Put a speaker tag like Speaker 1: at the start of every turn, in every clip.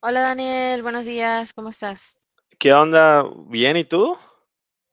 Speaker 1: Hola Daniel, buenos días, ¿cómo estás?
Speaker 2: ¿Qué onda? ¿Bien? ¿Y tú?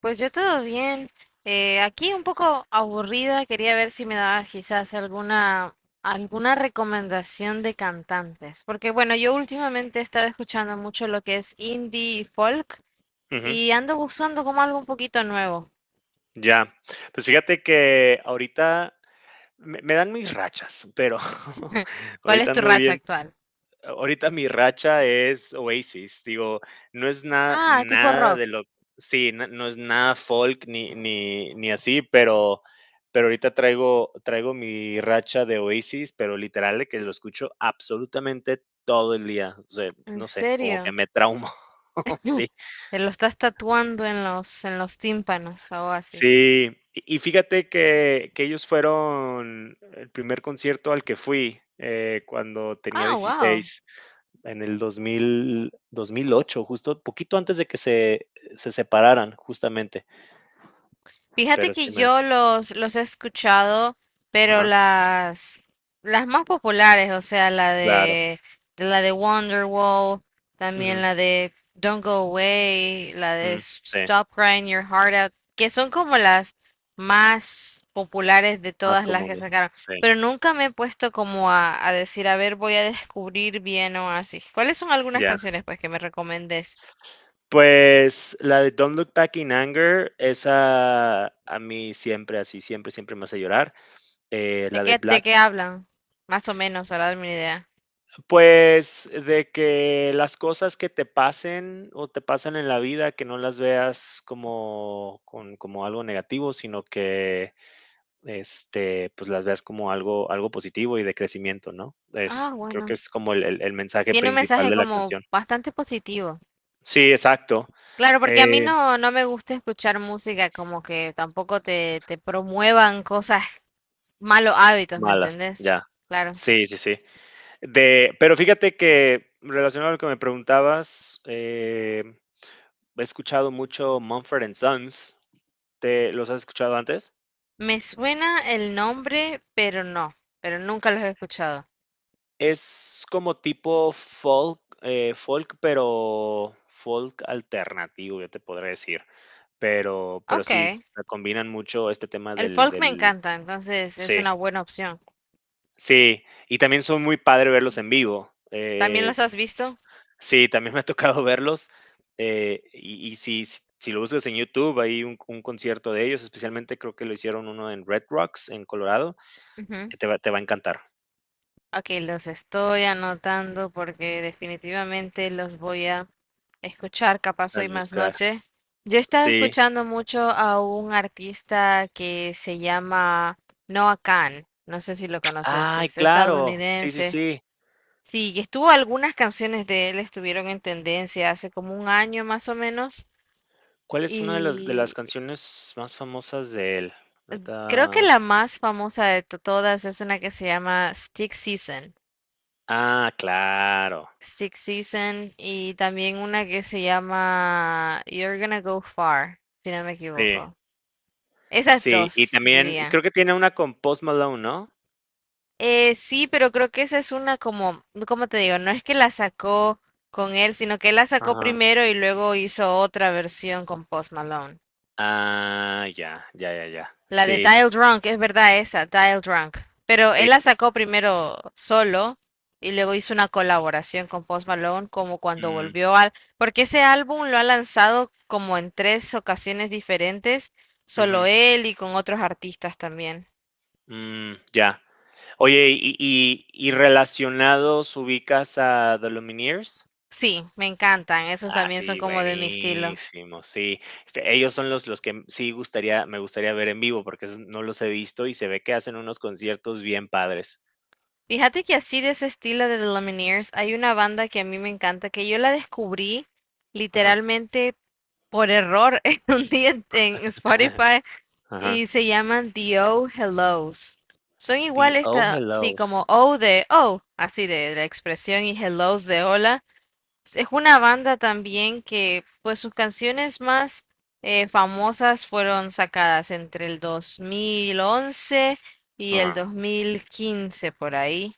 Speaker 1: Pues yo todo bien. Aquí un poco aburrida, quería ver si me dabas quizás alguna recomendación de cantantes, porque bueno, yo últimamente he estado escuchando mucho lo que es indie y folk,
Speaker 2: Ujú,
Speaker 1: y ando buscando como algo un poquito nuevo.
Speaker 2: ya. Pues fíjate que ahorita me dan mis rachas, pero
Speaker 1: ¿Cuál es
Speaker 2: ahorita
Speaker 1: tu
Speaker 2: ando
Speaker 1: racha
Speaker 2: bien.
Speaker 1: actual?
Speaker 2: Ahorita mi racha es Oasis. Digo, no es nada,
Speaker 1: Ah, tipo
Speaker 2: nada
Speaker 1: rock.
Speaker 2: de lo. Sí, no, es nada folk ni así, pero ahorita traigo mi racha de Oasis, pero literal de que lo escucho absolutamente todo el día. O sea,
Speaker 1: ¿En
Speaker 2: no sé, como que
Speaker 1: serio?
Speaker 2: me traumo. Sí.
Speaker 1: Te lo estás tatuando en los tímpanos, a Oasis.
Speaker 2: Sí, y fíjate que ellos fueron el primer concierto al que fui, cuando tenía
Speaker 1: Ah, wow.
Speaker 2: 16, en el 2008, justo poquito antes de que se separaran, justamente,
Speaker 1: Fíjate
Speaker 2: pero sí
Speaker 1: que
Speaker 2: me,
Speaker 1: yo los he escuchado, pero
Speaker 2: ajá,
Speaker 1: las más populares, o sea, la
Speaker 2: claro,
Speaker 1: de, de la de Wonderwall, también
Speaker 2: ujú,
Speaker 1: la de Don't Go Away, la de
Speaker 2: mm, sí,
Speaker 1: Stop Crying Your Heart Out, que son como las más populares de
Speaker 2: más
Speaker 1: todas las que
Speaker 2: comunes,
Speaker 1: sacaron.
Speaker 2: sí,
Speaker 1: Pero nunca me he puesto como a decir, a ver, voy a descubrir bien o así. ¿Cuáles son algunas
Speaker 2: ya.
Speaker 1: canciones pues que me recomendes?
Speaker 2: Pues, la de Don't Look Back in Anger, esa a mí siempre así, siempre, siempre me hace llorar.
Speaker 1: ¿De
Speaker 2: La de
Speaker 1: qué, de
Speaker 2: Black.
Speaker 1: qué hablan? Más o menos, para darme una idea.
Speaker 2: Pues, de que las cosas que te pasen o te pasan en la vida, que no las veas como algo negativo, sino que, pues, las veas como algo positivo y de crecimiento, ¿no?
Speaker 1: Ah,
Speaker 2: Es, creo que
Speaker 1: bueno.
Speaker 2: es como el mensaje
Speaker 1: Tiene un
Speaker 2: principal
Speaker 1: mensaje
Speaker 2: de la
Speaker 1: como
Speaker 2: canción.
Speaker 1: bastante positivo.
Speaker 2: Sí, exacto.
Speaker 1: Claro, porque a mí
Speaker 2: Eh,
Speaker 1: no, no me gusta escuchar música como que tampoco te promuevan cosas, malos hábitos, ¿me
Speaker 2: Malas,
Speaker 1: entendés?
Speaker 2: ya.
Speaker 1: Claro.
Speaker 2: Sí, sí, sí. De Pero fíjate que, relacionado a lo que me preguntabas, he escuchado mucho Mumford& and Sons. ¿Te los has escuchado antes?
Speaker 1: Me suena el nombre, pero no, pero nunca los he escuchado.
Speaker 2: Es como tipo folk, pero folk alternativo, yo te podré decir. Pero sí,
Speaker 1: Ok.
Speaker 2: combinan mucho este tema
Speaker 1: El
Speaker 2: del
Speaker 1: folk me
Speaker 2: del
Speaker 1: encanta, entonces es
Speaker 2: Sí,
Speaker 1: una buena opción.
Speaker 2: sí, y también son muy padre verlos en vivo.
Speaker 1: ¿También los
Speaker 2: S
Speaker 1: has visto?
Speaker 2: sí, también me ha tocado verlos, y si lo buscas en YouTube, hay un concierto de ellos, especialmente creo que lo hicieron uno en Red Rocks, en Colorado,
Speaker 1: Ujú.
Speaker 2: que te va a encantar.
Speaker 1: Ok, los estoy anotando porque definitivamente los voy a escuchar, capaz hoy
Speaker 2: Las
Speaker 1: más
Speaker 2: buscar.
Speaker 1: noche. Yo he estado
Speaker 2: Sí.
Speaker 1: escuchando mucho a un artista que se llama Noah Kahan, no sé si lo conoces,
Speaker 2: Ay,
Speaker 1: es
Speaker 2: claro. Sí, sí,
Speaker 1: estadounidense.
Speaker 2: sí.
Speaker 1: Sí, que estuvo algunas canciones de él estuvieron en tendencia hace como un año más o menos,
Speaker 2: ¿Cuál es una de las
Speaker 1: y
Speaker 2: canciones más famosas de él?
Speaker 1: creo que
Speaker 2: Ahorita.
Speaker 1: la más famosa de todas es una que se llama Stick Season.
Speaker 2: Ah, claro.
Speaker 1: Six Season, y también una que se llama You're Gonna Go Far, si no me
Speaker 2: Sí,
Speaker 1: equivoco. Esas
Speaker 2: sí. Y
Speaker 1: dos,
Speaker 2: también
Speaker 1: diría.
Speaker 2: creo que tiene una con Post Malone, ¿no?
Speaker 1: Sí, pero creo que esa es una como, ¿cómo te digo? No es que la sacó con él, sino que él la sacó
Speaker 2: Ajá.
Speaker 1: primero y luego hizo otra versión con Post Malone.
Speaker 2: Ah, ya, ya, ya, ya.
Speaker 1: La de
Speaker 2: Sí,
Speaker 1: Dial Drunk, es verdad esa, Dial Drunk. Pero
Speaker 2: sí.
Speaker 1: él la sacó primero solo y luego hizo una colaboración con Post Malone como cuando
Speaker 2: Mm,
Speaker 1: volvió al... Porque ese álbum lo ha lanzado como en tres ocasiones diferentes, solo
Speaker 2: ujú.
Speaker 1: él y con otros artistas también.
Speaker 2: Mm, ya. Oye, y relacionados, ¿ubicas a The Lumineers?
Speaker 1: Sí, me encantan, esos
Speaker 2: Ah,
Speaker 1: también son
Speaker 2: sí,
Speaker 1: como de mi estilo.
Speaker 2: buenísimo, sí. Fe Ellos son los que, sí gustaría me gustaría ver en vivo, porque esos no los he visto y se ve que hacen unos conciertos bien padres.
Speaker 1: Fíjate que así de ese estilo de The Lumineers hay una banda que a mí me encanta, que yo la descubrí
Speaker 2: Ajá.
Speaker 1: literalmente por error en un día en Spotify,
Speaker 2: Ajá.
Speaker 1: y se llaman The Oh Hellos. Son
Speaker 2: The
Speaker 1: iguales
Speaker 2: Oh
Speaker 1: así
Speaker 2: Hellos.
Speaker 1: como Oh de Oh, así de, la expresión, y Hellos de Hola. Es una banda también que, pues sus canciones más famosas fueron sacadas entre el 2011 y el
Speaker 2: Ajá.
Speaker 1: 2015 por ahí.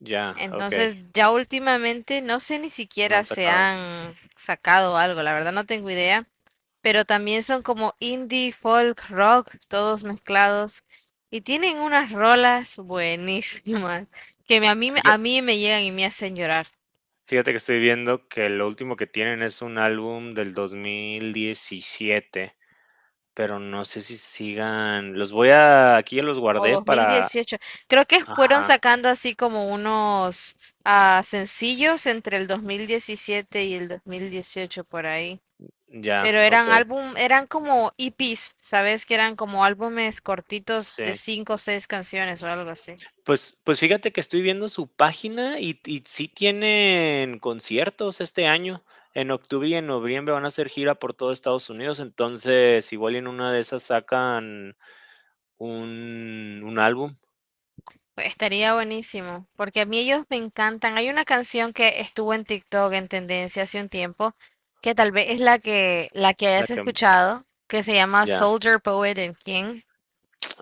Speaker 2: Ya, okey,
Speaker 1: Entonces ya últimamente no sé ni
Speaker 2: no
Speaker 1: siquiera
Speaker 2: han
Speaker 1: se
Speaker 2: sacado.
Speaker 1: han sacado algo, la verdad no tengo idea, pero también son como indie, folk, rock, todos mezclados. Y tienen unas rolas buenísimas que
Speaker 2: Fija
Speaker 1: a mí me llegan y me hacen llorar.
Speaker 2: Fíjate que estoy viendo que lo último que tienen es un álbum del 2017, pero no sé si sigan, los voy a aquí ya los
Speaker 1: O
Speaker 2: guardé para,
Speaker 1: 2018. Creo que fueron
Speaker 2: ajá,
Speaker 1: sacando así como unos sencillos entre el 2017 y el 2018 por ahí.
Speaker 2: ya,
Speaker 1: Pero eran
Speaker 2: okey,
Speaker 1: álbum, eran como EPs, ¿sabes? Que eran como álbumes cortitos de
Speaker 2: sí.
Speaker 1: 5 o 6 canciones o algo así.
Speaker 2: Pues fíjate que estoy viendo su página y sí tienen conciertos este año. En octubre y en noviembre van a hacer gira por todo Estados Unidos, entonces igual y en una de esas sacan un álbum,
Speaker 1: Estaría buenísimo, porque a mí ellos me encantan. Hay una canción que estuvo en TikTok en tendencia hace un tiempo, que tal vez es la que
Speaker 2: la
Speaker 1: hayas
Speaker 2: que
Speaker 1: escuchado, que se llama
Speaker 2: ya.
Speaker 1: Soldier Poet and King.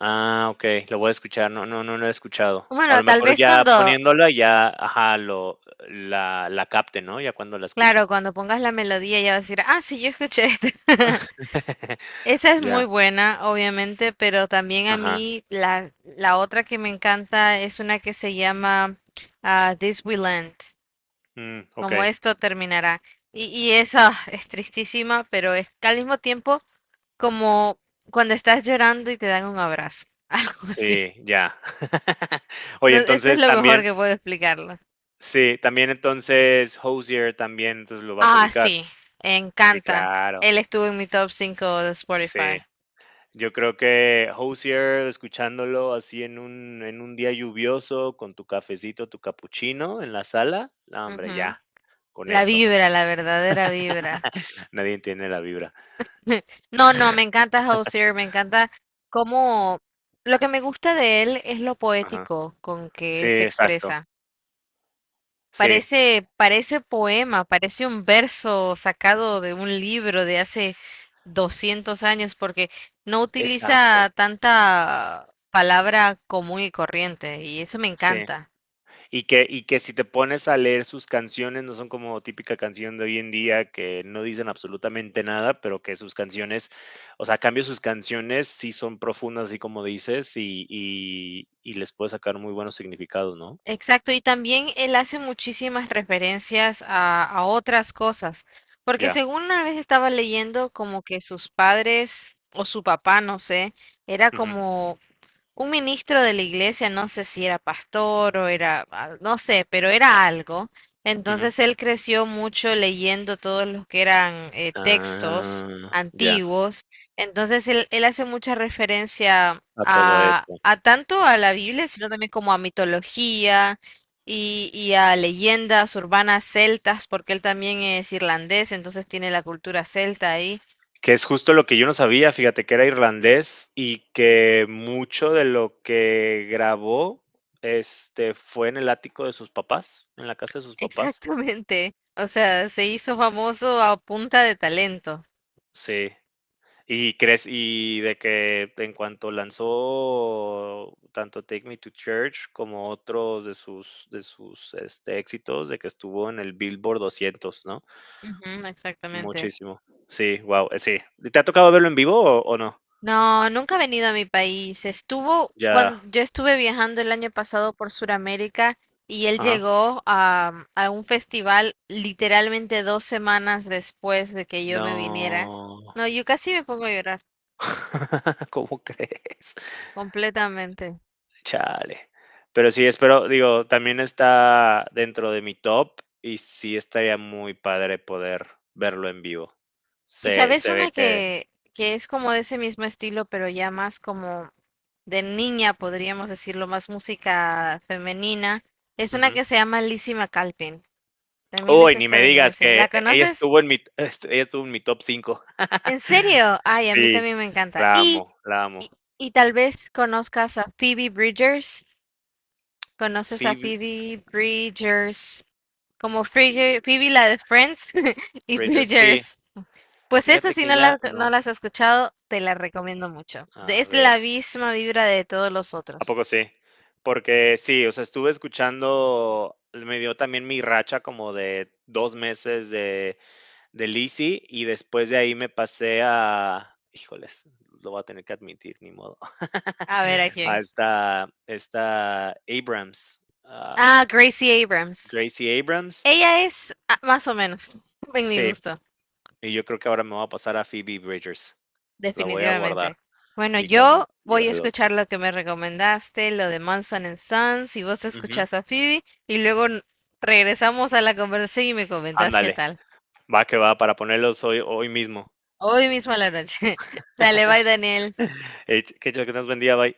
Speaker 2: Ah, okey, lo voy a escuchar. No, no, no lo he escuchado. A
Speaker 1: Bueno,
Speaker 2: lo
Speaker 1: tal
Speaker 2: mejor
Speaker 1: vez
Speaker 2: ya
Speaker 1: cuando,
Speaker 2: poniéndola, ya, ajá, lo la la capte, ¿no? Ya cuando la
Speaker 1: claro,
Speaker 2: escuche.
Speaker 1: cuando pongas la melodía ya vas a decir, ah, sí, yo escuché esta. Esa es
Speaker 2: Ya,
Speaker 1: muy buena, obviamente, pero también a
Speaker 2: ajá.
Speaker 1: mí la otra que me encanta es una que se llama This We Land.
Speaker 2: Mm,
Speaker 1: Como
Speaker 2: okey.
Speaker 1: esto terminará. Y eso es tristísima, pero es que al mismo tiempo como cuando estás llorando y te dan un abrazo, algo así.
Speaker 2: Sí, ya.
Speaker 1: No,
Speaker 2: Oye,
Speaker 1: eso es
Speaker 2: entonces
Speaker 1: lo mejor
Speaker 2: también.
Speaker 1: que puedo explicarlo.
Speaker 2: Sí, también, entonces Hozier también, entonces lo vas a
Speaker 1: Ah,
Speaker 2: ubicar.
Speaker 1: sí,
Speaker 2: Sí,
Speaker 1: encanta.
Speaker 2: claro.
Speaker 1: Él estuvo en mi top 5 de
Speaker 2: Sí.
Speaker 1: Spotify.
Speaker 2: Yo creo que Hozier, escuchándolo así en un día lluvioso, con tu cafecito, tu capuchino en la sala, no, hombre,
Speaker 1: Ujú.
Speaker 2: ya, con
Speaker 1: La
Speaker 2: eso.
Speaker 1: vibra, la verdadera vibra.
Speaker 2: Nadie entiende la vibra.
Speaker 1: No, no, me encanta Hozier, me encanta cómo... Lo que me gusta de él es lo
Speaker 2: Ajá.
Speaker 1: poético con que
Speaker 2: Sí,
Speaker 1: él se
Speaker 2: exacto.
Speaker 1: expresa.
Speaker 2: Sí,
Speaker 1: Parece poema, parece un verso sacado de un libro de hace 200 años, porque no utiliza
Speaker 2: exacto.
Speaker 1: tanta palabra común y corriente, y eso me
Speaker 2: Sí.
Speaker 1: encanta.
Speaker 2: Y que si te pones a leer sus canciones, no son como típica canción de hoy en día que no dicen absolutamente nada, pero que sus canciones, o sea, a cambio, sus canciones sí son profundas, así como dices, y les puede sacar muy buenos significados, ¿no?
Speaker 1: Exacto, y también él hace muchísimas referencias a otras cosas, porque
Speaker 2: Ya.
Speaker 1: según una vez estaba leyendo como que sus padres o su papá, no sé, era
Speaker 2: Ujú,
Speaker 1: como un ministro de la iglesia, no sé si era pastor o era, ah, no sé, pero era algo.
Speaker 2: ujú.
Speaker 1: Entonces él creció mucho leyendo todos los que eran textos
Speaker 2: Ah, ya,
Speaker 1: antiguos. Entonces él hace mucha referencia
Speaker 2: a todo eso.
Speaker 1: a tanto a la Biblia, sino también como a mitología y a leyendas urbanas celtas, porque él también es irlandés, entonces tiene la cultura celta ahí.
Speaker 2: Que es justo lo que yo no sabía, fíjate, que era irlandés y que mucho de lo que grabó, fue en el ático de sus papás, en la casa de sus papás.
Speaker 1: Exactamente. O sea, se hizo famoso a punta de talento.
Speaker 2: Sí. ¿Y crees, y de que en cuanto lanzó tanto Take Me to Church como otros de sus éxitos, de que estuvo en el Billboard 200, no?
Speaker 1: Ujú, exactamente.
Speaker 2: Muchísimo. Sí, wow. Sí. ¿Te ha tocado verlo en vivo o no?
Speaker 1: No, nunca ha venido a mi país. Estuvo
Speaker 2: Ya.
Speaker 1: cuando yo estuve viajando el año pasado por Sudamérica, y él
Speaker 2: Ajá.
Speaker 1: llegó a, a un festival literalmente 2 semanas después de que yo me viniera.
Speaker 2: No.
Speaker 1: No, yo casi me pongo a llorar
Speaker 2: ¿Cómo crees?
Speaker 1: completamente.
Speaker 2: Chale. Pero sí, espero, digo, también está dentro de mi top y sí estaría muy padre poder verlo en vivo.
Speaker 1: Y
Speaker 2: Se
Speaker 1: sabes
Speaker 2: se ve
Speaker 1: una
Speaker 2: que,
Speaker 1: que es como de ese mismo estilo, pero ya más como de niña, podríamos decirlo, más música femenina. Es una
Speaker 2: ujú.
Speaker 1: que se llama Lizzie McAlpin. También es
Speaker 2: Uy, ni me digas
Speaker 1: estadounidense. ¿La
Speaker 2: que ella
Speaker 1: conoces?
Speaker 2: estuvo en mi est ella estuvo en mi top 5.
Speaker 1: ¿En serio? Ay, a mí
Speaker 2: Sí,
Speaker 1: también me encanta.
Speaker 2: la amo, la
Speaker 1: Y,
Speaker 2: amo.
Speaker 1: y tal vez conozcas a Phoebe Bridgers. ¿Conoces a
Speaker 2: Phoebe
Speaker 1: Phoebe Bridgers? Como Phoebe,
Speaker 2: Phoebe
Speaker 1: Phoebe la de Friends y
Speaker 2: Bridgers, sí,
Speaker 1: Bridgers. Pues esa
Speaker 2: fíjate
Speaker 1: si
Speaker 2: que
Speaker 1: no
Speaker 2: ya no.
Speaker 1: no las has escuchado, te la recomiendo mucho.
Speaker 2: A
Speaker 1: Es
Speaker 2: ver.
Speaker 1: la misma vibra de todos los
Speaker 2: ¿A
Speaker 1: otros.
Speaker 2: poco sí? Porque sí, o sea, estuve escuchando, me dio también mi racha como de 2 meses de Lizzy, y después de ahí me pasé a, híjoles, lo voy a tener que admitir, ni modo.
Speaker 1: A ver a
Speaker 2: A
Speaker 1: quién.
Speaker 2: esta Abrams, ah,
Speaker 1: Ah, Gracie Abrams.
Speaker 2: Gracie Abrams.
Speaker 1: Ella es ah, más o menos en mi
Speaker 2: Sí,
Speaker 1: gusto.
Speaker 2: y yo creo que ahora me voy a pasar a Phoebe Bridgers. La voy a guardar
Speaker 1: Definitivamente. Bueno,
Speaker 2: y con
Speaker 1: yo
Speaker 2: Yo
Speaker 1: voy a
Speaker 2: Hello, sí.
Speaker 1: escuchar lo que me recomendaste, lo de Manson and Sons, y vos
Speaker 2: Ujú,
Speaker 1: escuchás a Phoebe, y luego regresamos a la conversación y me comentás qué
Speaker 2: ándale,
Speaker 1: tal.
Speaker 2: va que va, para ponerlos hoy mismo.
Speaker 1: Hoy mismo a la noche. Dale, bye, Daniel.
Speaker 2: Que Dios que nos bendiga, bye.